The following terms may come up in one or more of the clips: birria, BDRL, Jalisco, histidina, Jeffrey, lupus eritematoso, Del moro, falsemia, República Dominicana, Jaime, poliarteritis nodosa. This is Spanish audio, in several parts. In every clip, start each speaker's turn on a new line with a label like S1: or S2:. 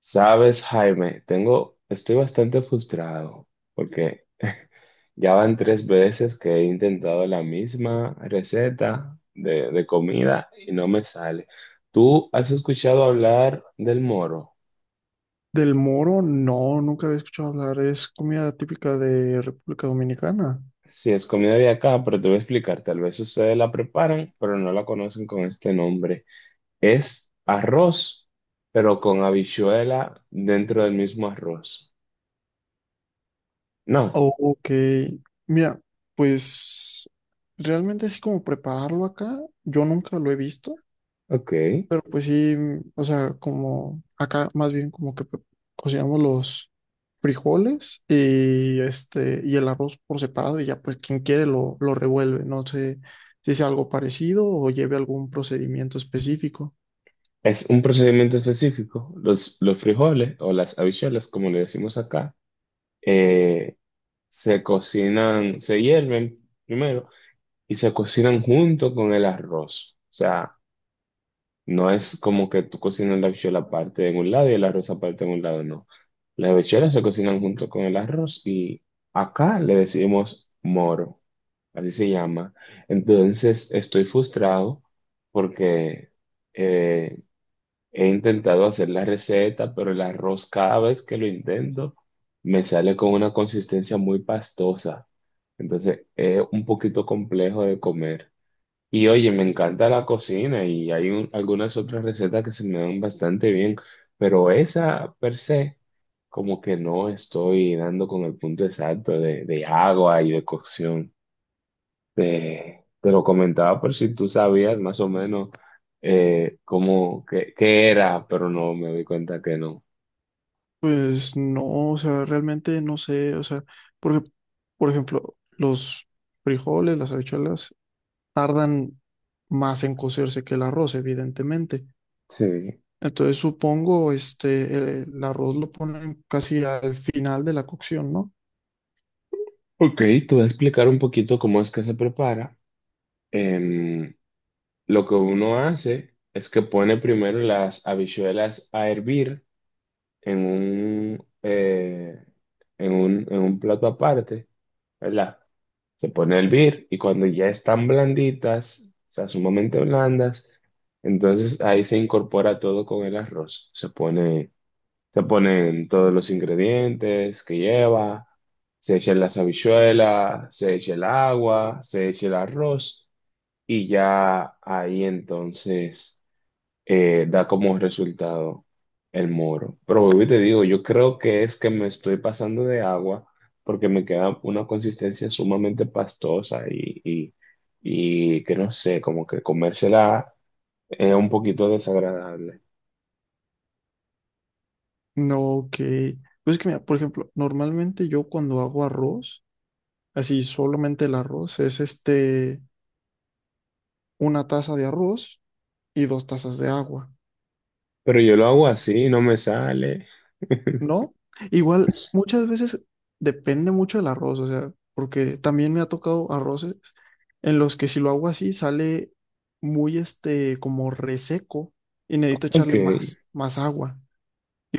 S1: Sabes, Jaime, estoy bastante frustrado porque ya van tres veces que he intentado la misma receta de comida y no me sale. ¿Tú has escuchado hablar del moro?
S2: Del moro, no, nunca había escuchado hablar. Es comida típica de República Dominicana.
S1: Sí, es comida de acá, pero te voy a explicar. Tal vez ustedes la preparan, pero no la conocen con este nombre. Es arroz, pero con habichuela dentro del mismo arroz. No,
S2: Oh, ok. Mira, pues realmente así como prepararlo acá, yo nunca lo he visto,
S1: ok.
S2: pero pues sí, o sea, como acá más bien como que cocinamos los frijoles y el arroz por separado y ya pues quien quiere lo revuelve. No sé si es algo parecido o lleve algún procedimiento específico.
S1: Es un procedimiento específico. Los frijoles o las habichuelas, como le decimos acá, eh, se cocinan, se hierven primero y se cocinan junto con el arroz. O sea, no es como que tú cocinas la habichuela aparte en un lado y el arroz aparte en un lado, no. Las habichuelas se cocinan junto con el arroz y acá le decimos moro, así se llama. Entonces, estoy frustrado porque... eh, he intentado hacer la receta, pero el arroz cada vez que lo intento me sale con una consistencia muy pastosa. Entonces es un poquito complejo de comer. Y oye, me encanta la cocina y hay algunas otras recetas que se me dan bastante bien, pero esa per se, como que no estoy dando con el punto exacto de agua y de cocción. Te lo comentaba por si tú sabías más o menos qué era, pero no me di cuenta que no.
S2: Pues no, o sea, realmente no sé, o sea, porque, por ejemplo, los frijoles, las habichuelas, tardan más en cocerse que el arroz, evidentemente.
S1: Sí.
S2: Entonces supongo, el arroz lo ponen casi al final de la cocción, ¿no?
S1: Ok, te voy a explicar un poquito cómo es que se prepara. Em, lo que uno hace es que pone primero las habichuelas a hervir en en un plato aparte, ¿verdad? Se pone a hervir y cuando ya están blanditas, o sea, sumamente blandas, entonces ahí se incorpora todo con el arroz. Se ponen todos los ingredientes que lleva, se echa las habichuelas, se echa el agua, se echa el arroz y ya ahí entonces da como resultado el moro. Pero vuelvo y te digo, yo creo que es que me estoy pasando de agua porque me queda una consistencia sumamente pastosa y que no sé, como que comérsela es un poquito desagradable.
S2: No que, pues es que mira, por ejemplo, normalmente yo cuando hago arroz, así solamente el arroz, es una taza de arroz y 2 tazas de agua.
S1: Pero yo lo hago así, no me sale.
S2: No, igual muchas veces depende mucho del arroz, o sea, porque también me ha tocado arroces en los que si lo hago así sale muy como reseco y necesito
S1: Ok,
S2: echarle más agua.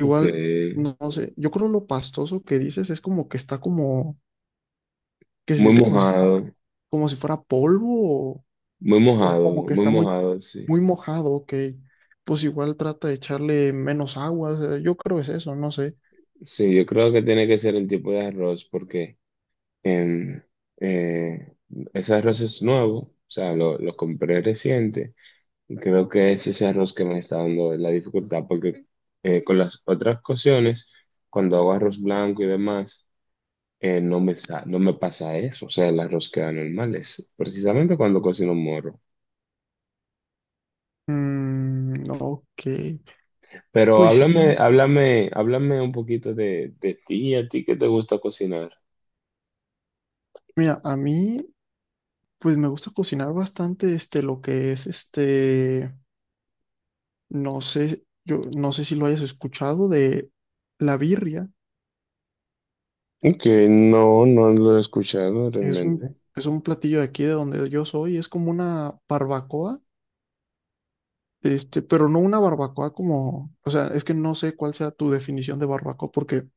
S1: ok.
S2: no, no sé, yo creo lo pastoso que dices es como que está como, que se
S1: Muy
S2: siente como si fuera,
S1: mojado,
S2: como si fuera polvo o,
S1: muy
S2: o como
S1: mojado,
S2: que
S1: muy
S2: está muy,
S1: mojado, sí.
S2: muy mojado, ok. Pues igual trata de echarle menos agua, o sea, yo creo que es eso, no sé.
S1: Sí, yo creo que tiene que ser el tipo de arroz porque... em, eh, ese arroz es nuevo, o sea, lo compré reciente y creo que es ese arroz que me está dando la dificultad porque con las otras cocciones, cuando hago arroz blanco y demás, no me pasa eso, o sea, el arroz queda normal, es precisamente cuando cocino morro.
S2: Mm, ok.
S1: Pero
S2: Pues sí,
S1: háblame un poquito de ti, a ti qué te gusta cocinar.
S2: mira, a mí pues me gusta cocinar bastante lo que es no sé, yo no sé si lo hayas escuchado de la birria,
S1: Que no, no lo he escuchado
S2: es un
S1: realmente.
S2: es un platillo de aquí de donde yo soy, es como una barbacoa, pero no una barbacoa como, o sea, es que no sé cuál sea tu definición de barbacoa porque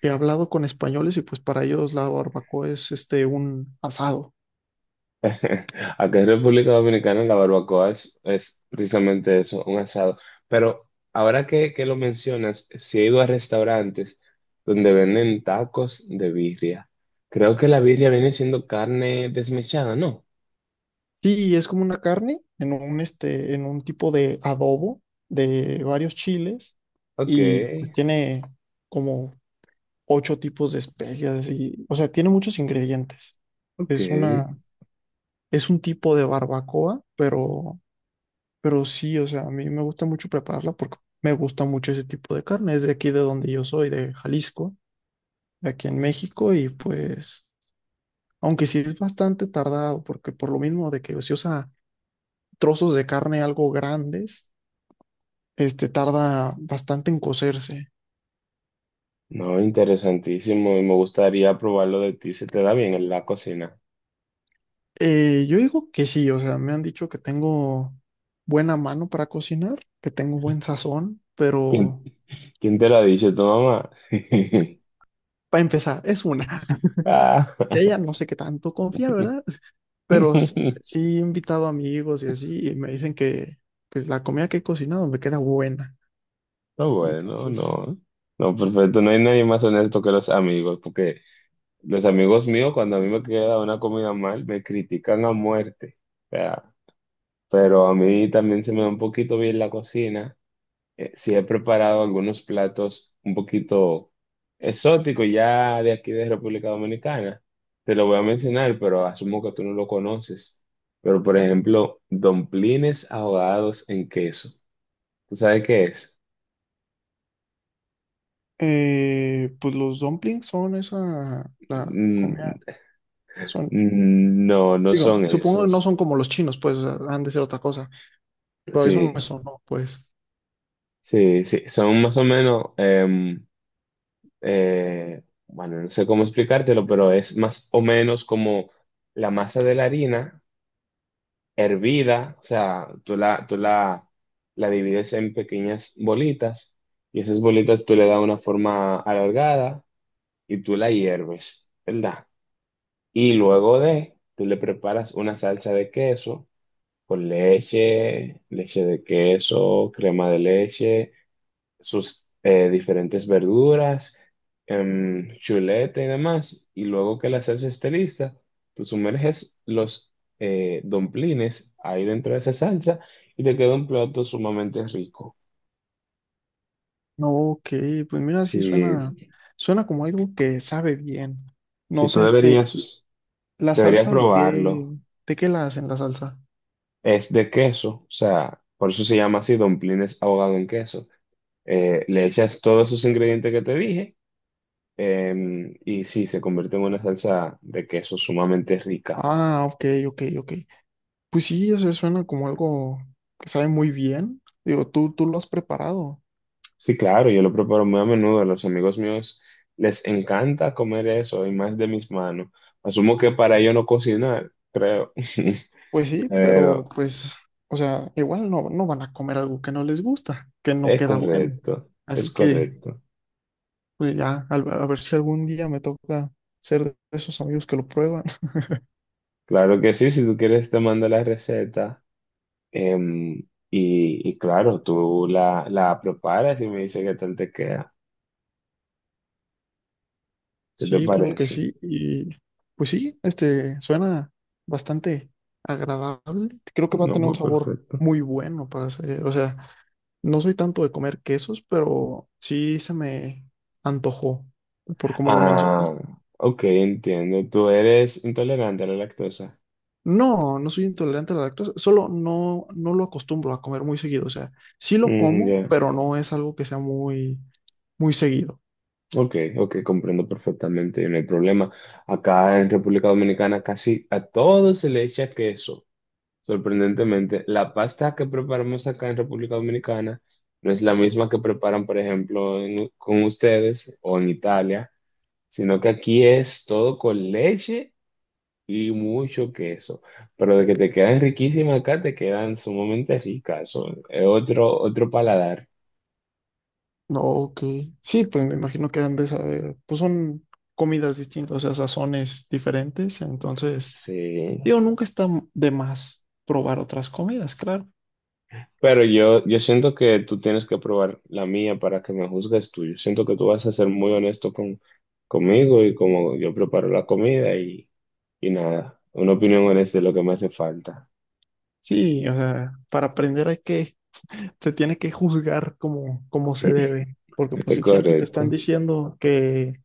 S2: he hablado con españoles y pues para ellos la barbacoa es un asado.
S1: Acá en República Dominicana la barbacoa es precisamente eso, un asado. Pero ahora que lo mencionas, sí he ido a restaurantes donde venden tacos de birria. Creo que la birria viene siendo carne desmechada, ¿no?
S2: Sí, es como una carne en un, en un tipo de adobo de varios chiles
S1: Ok,
S2: y pues tiene como ocho tipos de especias y, o sea, tiene muchos ingredientes.
S1: ok.
S2: Es una, es un tipo de barbacoa, pero sí, o sea, a mí me gusta mucho prepararla porque me gusta mucho ese tipo de carne. Es de aquí de donde yo soy, de Jalisco, de aquí en México y pues, aunque sí es bastante tardado porque por lo mismo de que se usa trozos de carne algo grandes tarda bastante en cocerse.
S1: No, interesantísimo y me gustaría probarlo de ti. Se te da bien en la cocina.
S2: Yo digo que sí, o sea, me han dicho que tengo buena mano para cocinar, que tengo buen sazón,
S1: ¿Quién,
S2: pero
S1: ¿Quién te lo ha dicho? ¿Tu mamá?
S2: para empezar, es una.
S1: Ah.
S2: De ella no sé qué tanto confiar, ¿verdad? Pero sí he invitado amigos y así, y me dicen que pues la comida que he cocinado me queda buena.
S1: No, bueno,
S2: Entonces,
S1: no. No, perfecto. No hay nadie más honesto que los amigos, porque los amigos míos, cuando a mí me queda una comida mal, me critican a muerte. O sea, pero a mí también se me da un poquito bien la cocina. Sí he preparado algunos platos un poquito exóticos ya de aquí de República Dominicana. Te lo voy a mencionar, pero asumo que tú no lo conoces. Pero, por ejemplo, domplines ahogados en queso. ¿Tú sabes qué es?
S2: pues los dumplings son esa, la
S1: Mm,
S2: comida, son,
S1: No, no
S2: digo,
S1: son
S2: supongo que no son
S1: esos.
S2: como los chinos, pues o sea, han de ser otra cosa. Pero eso
S1: Sí,
S2: me sonó, pues.
S1: sí, sí. Son más o menos, bueno, no sé cómo explicártelo, pero es más o menos como la masa de la harina hervida, o sea, la divides en pequeñas bolitas y esas bolitas tú le das una forma alargada y tú la hierves, ¿verdad? Y luego tú le preparas una salsa de queso con leche, leche de queso, crema de leche, sus diferentes verduras, chuleta y demás. Y luego que la salsa esté lista, tú sumerges los domplines ahí dentro de esa salsa y te queda un plato sumamente rico.
S2: No, ok, pues mira,
S1: Si,
S2: sí suena como algo que sabe bien.
S1: si
S2: No
S1: tú
S2: sé, la
S1: deberías
S2: salsa de qué,
S1: probarlo,
S2: la hacen la salsa.
S1: es de queso, o sea, por eso se llama así, domplines ahogado en queso. Le echas todos esos ingredientes que te dije. Y sí, se convierte en una salsa de queso sumamente rica.
S2: Ah, ok, ok, ok. Pues sí, eso suena como algo que sabe muy bien. Digo, tú lo has preparado.
S1: Sí, claro, yo lo preparo muy a menudo. A los amigos míos les encanta comer eso y más de mis manos. Asumo que para ello no cocinar, creo.
S2: Pues sí, pero
S1: Pero
S2: pues, o sea, igual no, no van a comer algo que no les gusta, que no
S1: es
S2: queda bueno.
S1: correcto, es
S2: Así que,
S1: correcto.
S2: pues ya, a ver si algún día me toca ser de esos amigos que lo prueban.
S1: Claro que sí, si tú quieres te mando la receta. em, y claro, la preparas y me dices qué tal te queda. ¿Qué te
S2: Sí, claro que
S1: parece?
S2: sí. Y pues sí, este suena bastante agradable. Creo que va a
S1: No,
S2: tener un
S1: pues
S2: sabor
S1: perfecto.
S2: muy bueno para hacer. O sea, no soy tanto de comer quesos, pero sí se me antojó por como lo
S1: Ah,
S2: mencionaste.
S1: ok, entiendo. Tú eres intolerante a la lactosa.
S2: No, no soy intolerante a la lactosa, solo no, no lo acostumbro a comer muy seguido. O sea, sí lo
S1: Mm,
S2: como,
S1: ya.
S2: pero no es algo que sea muy, muy seguido.
S1: Ok, ok, comprendo perfectamente, no hay problema. Acá en República Dominicana casi a todo se le echa queso. Sorprendentemente, la pasta que preparamos acá en República Dominicana no es la misma que preparan, por ejemplo, con ustedes o en Italia, sino que aquí es todo con leche y mucho queso, pero de que te quedan riquísimas acá, te quedan sumamente ricas, es otro, otro paladar.
S2: No, ok. Sí, pues me imagino que han de saber, pues son comidas distintas, o sea, sazones diferentes, entonces,
S1: Sí,
S2: digo, nunca está de más probar otras comidas, claro.
S1: pero yo siento que tú tienes que probar la mía para que me juzgues tú. Yo siento que tú vas a ser muy honesto conmigo y como yo preparo la comida y nada, una opinión honesta es lo que me hace falta.
S2: Sí, o sea, para aprender hay que, se tiene que juzgar como se debe, porque pues
S1: Es
S2: si siempre te están
S1: correcto.
S2: diciendo que,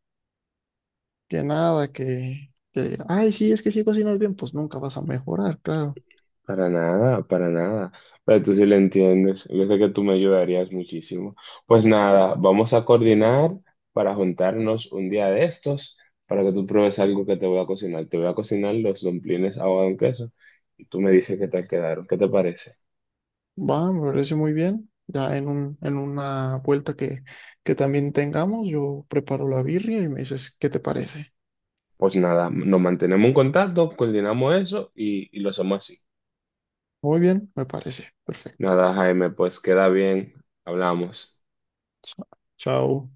S2: que nada, ay, sí, es que si cocinas bien, pues nunca vas a mejorar, claro.
S1: Para nada, para nada. Pero tú sí lo entiendes. Yo sé que tú me ayudarías muchísimo. Pues nada, vamos a coordinar para juntarnos un día de estos para que tú pruebes algo que te voy a cocinar. Te voy a cocinar los dumplings ahogado en queso y tú me dices qué tal quedaron. ¿Qué te parece?
S2: Va, me parece muy bien. Ya en en una vuelta que también tengamos, yo preparo la birria y me dices qué te parece.
S1: Pues nada, nos mantenemos en contacto, coordinamos eso y lo hacemos así.
S2: Muy bien, me parece. Perfecto.
S1: Nada, Jaime, pues queda bien. Hablamos.
S2: Chao.